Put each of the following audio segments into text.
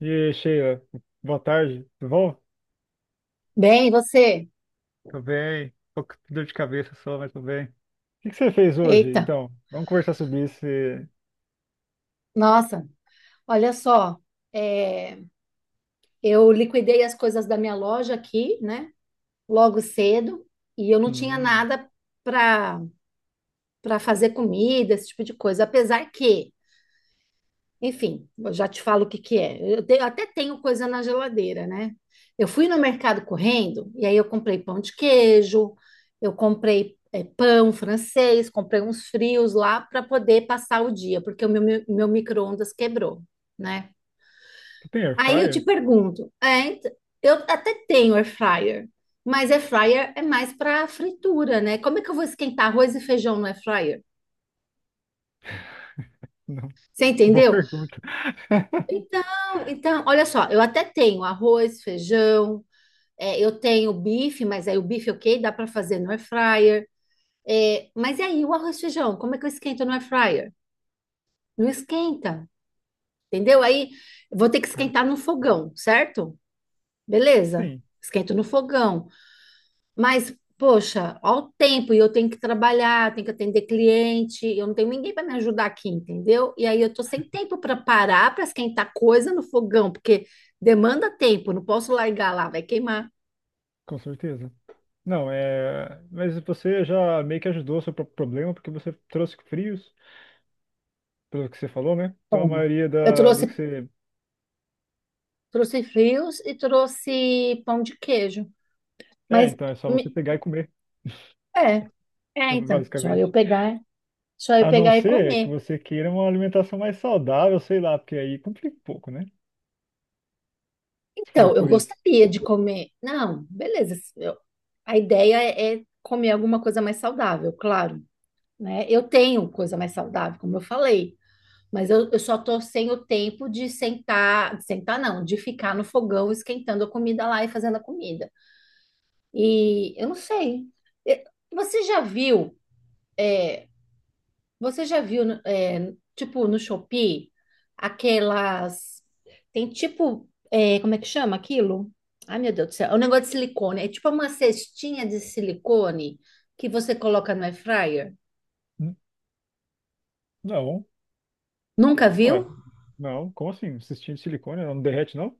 E aí, Sheila, boa tarde, tudo bom? Bem, e você? Tô bem, tô com dor de cabeça só, mas tô bem. O que que você fez hoje, Eita, então? Vamos conversar sobre isso. Nossa, olha só, é, eu liquidei as coisas da minha loja aqui, né, logo cedo, e eu não tinha Hum, nada para para fazer comida, esse tipo de coisa, apesar que enfim, eu já te falo o que que é. Até tenho coisa na geladeira, né? Eu fui no mercado correndo e aí eu comprei pão de queijo, eu comprei pão francês, comprei uns frios lá para poder passar o dia, porque o meu micro-ondas quebrou, né? você tem air Aí eu te fryer? pergunto, eu até tenho air fryer, mas air fryer é mais para fritura, né? Como é que eu vou esquentar arroz e feijão no air fryer? Não, Você boa entendeu? pergunta. Então, olha só, eu até tenho arroz, feijão, eu tenho bife, mas aí o bife, ok, dá para fazer no air fryer. É, mas e aí o arroz e feijão, como é que eu esquento no air fryer? Não esquenta, entendeu? Aí eu vou ter que Ah, esquentar no fogão, certo? Beleza, sim, esquento no fogão. Mas, poxa, ao tempo, e eu tenho que trabalhar, tenho que atender cliente, eu não tenho ninguém para me ajudar aqui, entendeu? E aí eu tô sem tempo para parar para esquentar coisa no fogão, porque demanda tempo, não posso largar lá, vai queimar. com certeza. Não, mas você já meio que ajudou o seu próprio problema, porque você trouxe frios, pelo que você falou, né? Então a Bom, maioria Eu do que trouxe, você... trouxe frios e trouxe pão de queijo. É, Mas então é só você me- pegar e comer, é, então, basicamente. Só eu A não pegar e ser que comer. você queira uma alimentação mais saudável, sei lá, porque aí complica um pouco, né? Se Então, fosse eu por isso. gostaria de comer. Não, beleza. A ideia é, comer alguma coisa mais saudável, claro. Né? Eu tenho coisa mais saudável, como eu falei, mas eu só tô sem o tempo de sentar não, de ficar no fogão esquentando a comida lá e fazendo a comida. E eu não sei. Eh, Você já viu, eh, você já viu, tipo, no Shopee, aquelas, tem tipo, como é que chama aquilo? Ai, meu Deus do céu, é um negócio de silicone, é tipo uma cestinha de silicone que você coloca no air fryer. Hum, Não, Nunca viu? ué, não, como assim? Cistinho de silicone não derrete, não?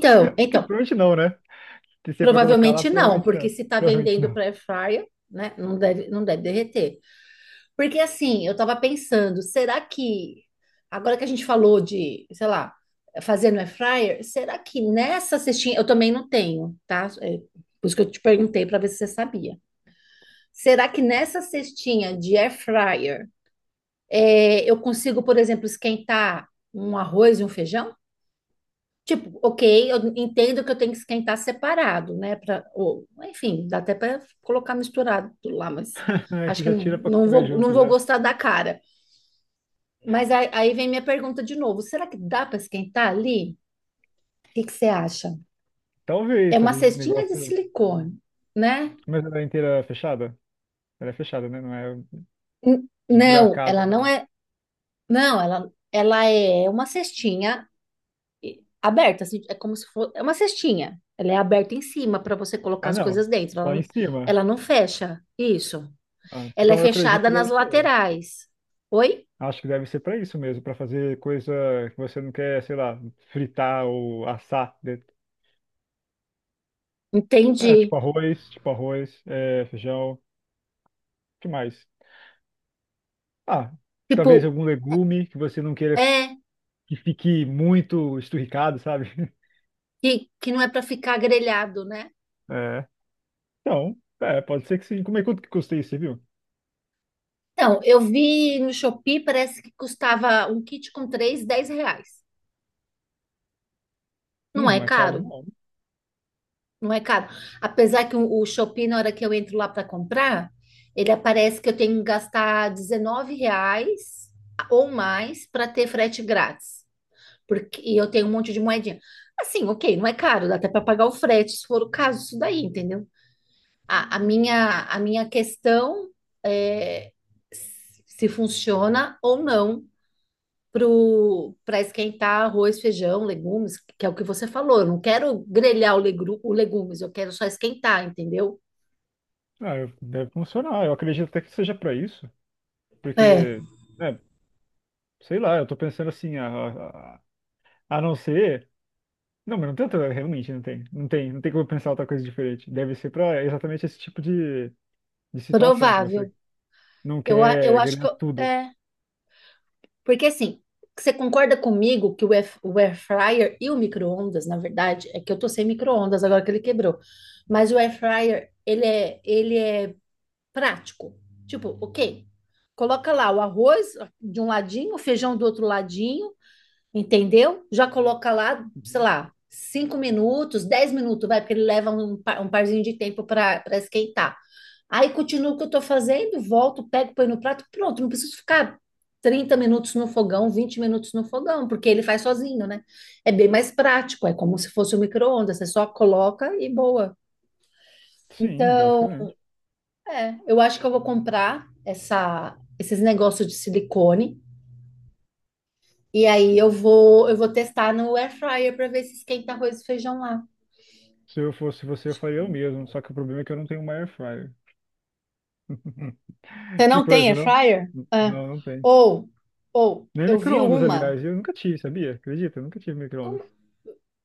Acho que então, provavelmente não, né? Se você é pra colocar lá, Provavelmente não, provavelmente porque não. se está Provavelmente vendendo não. para air fryer, né, não deve derreter. Porque assim, eu estava pensando, será que agora que a gente falou de, sei lá, fazer no air fryer, será que nessa cestinha eu também não tenho, tá? É, por isso que eu te perguntei para ver se você sabia. Será que nessa cestinha de air fryer eu consigo, por exemplo, esquentar um arroz e um feijão? Tipo, ok, eu entendo que eu tenho que esquentar separado, né? Pra, ou, enfim, dá até para colocar misturado lá, mas Aí acho você que já não, tira pra comer não junto vou já. gostar da cara. Mas aí, aí vem minha pergunta de novo: será que dá para esquentar ali? O que que você acha? É Talvez, uma talvez esse cestinha de negócio. silicone, né? Mas ela é inteira fechada? Ela é fechada, né? Não é Não, esburacada, ela não. não é. Não, ela é uma cestinha aberta, assim, é como se fosse. É uma cestinha. Ela é aberta em cima para você colocar Ah, as não. coisas dentro. Lá em cima. Ela não fecha. Isso. Ah, Ela é então eu acredito fechada que nas deve ser. laterais. Oi? Acho que deve ser para isso mesmo, para fazer coisa que você não quer, sei lá, fritar ou assar dentro. É, Entendi. tipo arroz, feijão, o que mais? Ah, talvez Tipo, algum legume que você não queira é, que fique muito esturricado, sabe? Que não é para ficar grelhado, né? É. Então, pode ser que sim. Como é quanto que custa isso, você viu? Então, eu vi no Shopee, parece que custava um kit com três, R$10. Não Hum, é não é caro, caro, não. não é caro. Apesar que o Shopee, na hora que eu entro lá para comprar, ele aparece que eu tenho que gastar R$19 ou mais para ter frete grátis. Porque e eu tenho um monte de moedinha. Assim, ok, não é caro, dá até para pagar o frete, se for o caso, isso daí, entendeu? A minha questão é se funciona ou não para esquentar arroz, feijão, legumes, que é o que você falou. Eu não quero grelhar o legumes, eu quero só esquentar, entendeu? Ah, deve funcionar. Eu acredito até que seja para isso, É, porque, né, sei lá, eu tô pensando assim, a não ser. Não, mas não tem realmente não tem. Não tem como pensar outra coisa diferente. Deve ser pra exatamente esse tipo de situação que você provável. não Eu quer acho que ganhar tudo. Porque assim, você concorda comigo que o o air fryer e o micro-ondas, na verdade, é que eu tô sem micro-ondas agora que ele quebrou. Mas o air fryer, ele é prático. Tipo, ok, coloca lá o arroz de um ladinho, o feijão do outro ladinho, entendeu? Já coloca lá, sei Uhum. lá, 5 minutos, 10 minutos, vai, porque ele leva um parzinho de tempo para esquentar. Aí continuo o que eu estou fazendo, volto, pego, põe no prato, pronto, não preciso ficar 30 minutos no fogão, 20 minutos no fogão, porque ele faz sozinho, né? É bem mais prático, é como se fosse um micro-ondas, você só coloca e boa. Sim, Então, basicamente. é, eu acho que eu vou comprar essa, esses negócios de silicone e aí eu vou testar no air fryer para ver se esquenta arroz e feijão lá. Se eu fosse você, eu faria o mesmo. Só que o problema é que eu não tenho uma air fryer. Você Que não tem coisa, air não? fryer? É. Não, não tem. Ou ou Nem eu vi micro-ondas, uma. aliás. Eu nunca tive, sabia? Acredita? Eu nunca tive micro-ondas. Como-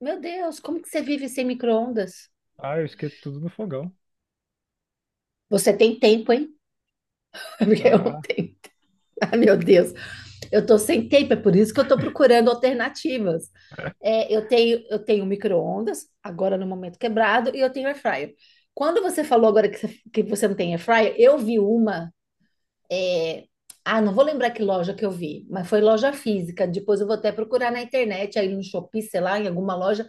Meu Deus, como que você vive sem micro-ondas? Ah, eu esquento tudo no fogão. Você tem tempo, hein? Porque eu não Ah, tenho. Ai, meu Deus. Eu tô sem tempo, é por isso que eu tô procurando alternativas. Eu tenho micro-ondas, agora no momento quebrado, e eu tenho air fryer. Quando você falou agora que você, não tem air fryer, eu vi uma. é, Ah, não vou lembrar que loja que eu vi, mas foi loja física. Depois eu vou até procurar na internet, aí no Shopee, sei lá, em alguma loja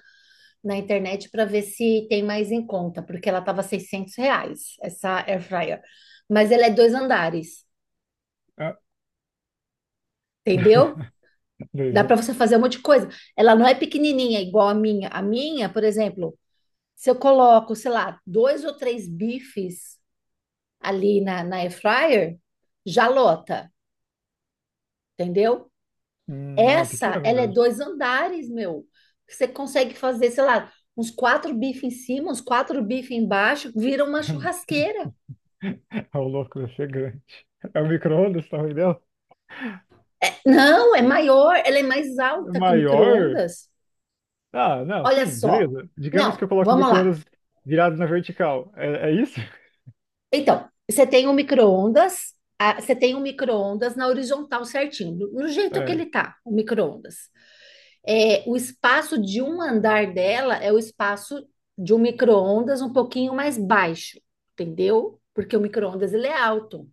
na internet, para ver se tem mais em conta, porque ela tava R$600, essa air fryer. Mas ela é dois andares, ah, entendeu? Dá beleza. para você fazer um monte de coisa. Ela não é pequenininha igual a minha. A minha, por exemplo, se eu coloco, sei lá, dois ou três bifes ali na air fryer, já lota, entendeu? Não, é Essa, pequeno ela é mesmo. dois andares, meu. Você consegue fazer, sei lá, uns quatro bifes em cima, uns quatro bifes embaixo, vira uma churrasqueira. É o louco, deve ser grande. É o micro-ondas, tá entendendo? Não, é maior, ela é mais alta que o Maior? micro-ondas. Ah, não, Olha sim, só. beleza. Digamos que Não, eu coloco o vamos lá. micro-ondas virado na vertical. É isso? Então, você tem um micro-ondas, você tem um micro-ondas na horizontal certinho, no jeito que É. ele tá, o micro-ondas. É, o espaço de um andar dela é o espaço de um micro-ondas um pouquinho mais baixo, entendeu? Porque o micro-ondas ele é alto,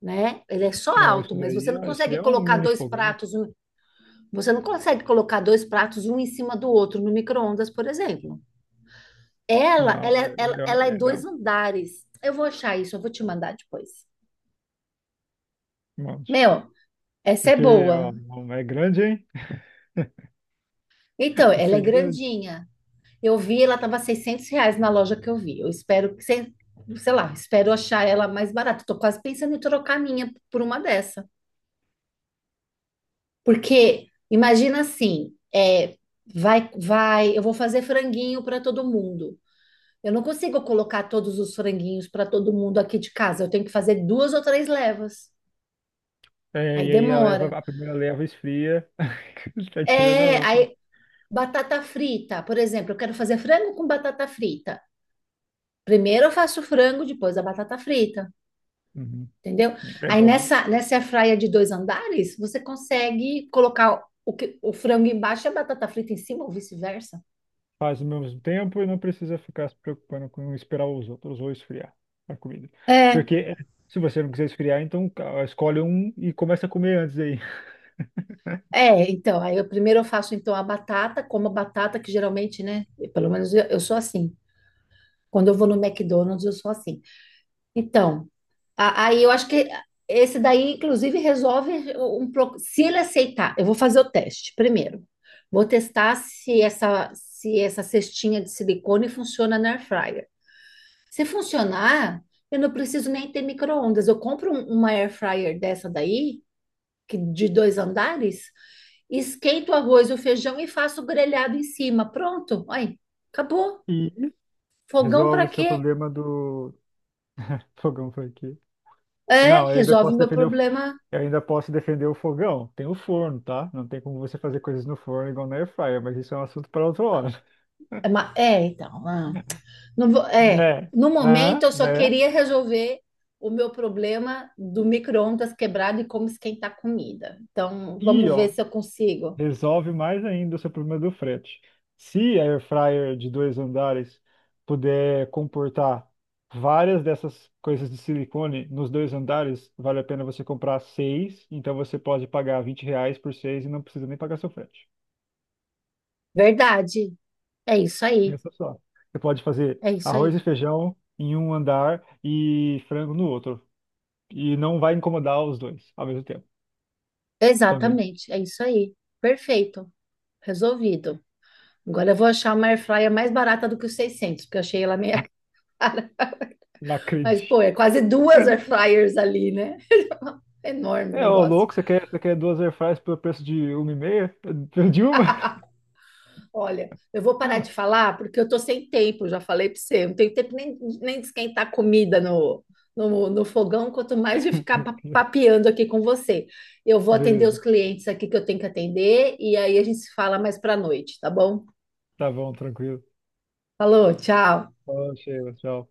né? Ele é só Não, alto, isso mas você daí, não ah, isso daí consegue é um colocar mini dois fogão. pratos, você não consegue colocar dois pratos um em cima do outro no micro-ondas, por exemplo. Não, Ela é dois não, andares. Eu vou achar isso, eu vou te mandar depois. um monte. Meu, essa é Porque ó, boa. não, é grande, hein? Então, Isso ela é é grande. grandinha. Eu vi, ela tava R$600 na loja que eu vi. Eu espero que, sei lá, espero achar ela mais barata. Tô quase pensando em trocar a minha por uma dessa. Porque, imagina assim, é, eu vou fazer franguinho para todo mundo. Eu não consigo colocar todos os franguinhos para todo mundo aqui de casa. Eu tenho que fazer duas ou três levas. É, Aí e aí demora. a primeira leva esfria, tá tirando a É, aí outra. batata frita, por exemplo, eu quero fazer frango com batata frita. Primeiro eu faço o frango, depois a batata frita, Uhum. entendeu? É Aí bom. nessa airfryer de dois andares, você consegue colocar o frango embaixo e a batata frita em cima ou vice-versa. Faz ao mesmo tempo e não precisa ficar se preocupando com esperar os outros ou esfriar a comida. Porque se você não quiser esfriar, então escolhe um e começa a comer antes aí. É, então, aí eu primeiro eu faço então a batata, como a batata que geralmente, né, pelo menos eu sou assim. Quando eu vou no McDonald's, eu sou assim. Então, aí eu acho que esse daí, inclusive, resolve um pouco. Se ele aceitar, eu vou fazer o teste primeiro. Vou testar se se essa cestinha de silicone funciona na air fryer. Se funcionar, eu não preciso nem ter micro-ondas. Eu compro uma air fryer dessa daí, que de dois andares, esquento o arroz e o feijão e faço o grelhado em cima. Pronto. Aí, acabou. E Fogão resolve para o seu quê? problema do fogão foi aqui. É, Não, resolve meu problema. eu ainda posso defender o fogão. Tem o forno, tá? Não tem como você fazer coisas no forno igual na airfryer, mas isso é um assunto para outra hora. É, ma- é, então. ah. É, No momento ah, eu só né? queria resolver o meu problema do micro-ondas quebrado e como esquentar comida. Então, E vamos ver ó, se eu consigo. resolve mais ainda o seu problema do frete. Se a air fryer de dois andares puder comportar várias dessas coisas de silicone nos dois andares, vale a pena você comprar seis. Então você pode pagar R$ 20 por seis e não precisa nem pagar seu frete. Verdade. É isso aí. Pensa só. Você pode fazer É isso arroz aí. e feijão em um andar e frango no outro. E não vai incomodar os dois ao mesmo tempo também. Exatamente. É isso aí. Perfeito. Resolvido. Agora eu vou achar uma air fryer mais barata do que os 600 porque eu achei ela meia. Não Mas, pô, acredito. é quase duas air fryers ali, né? Enorme o É, ô negócio. louco, você quer duas airfryers pelo preço de uma e meia? De uma? Olha, eu vou parar de falar porque eu tô sem tempo, já falei para você. Eu não tenho tempo nem, nem de esquentar comida no fogão, quanto mais de ficar papeando aqui com você. Eu vou atender os Beleza. clientes aqui que eu tenho que atender e aí a gente se fala mais para noite, tá bom? Tá bom, tranquilo. Falou, tchau. Falou, Sheila. Tchau.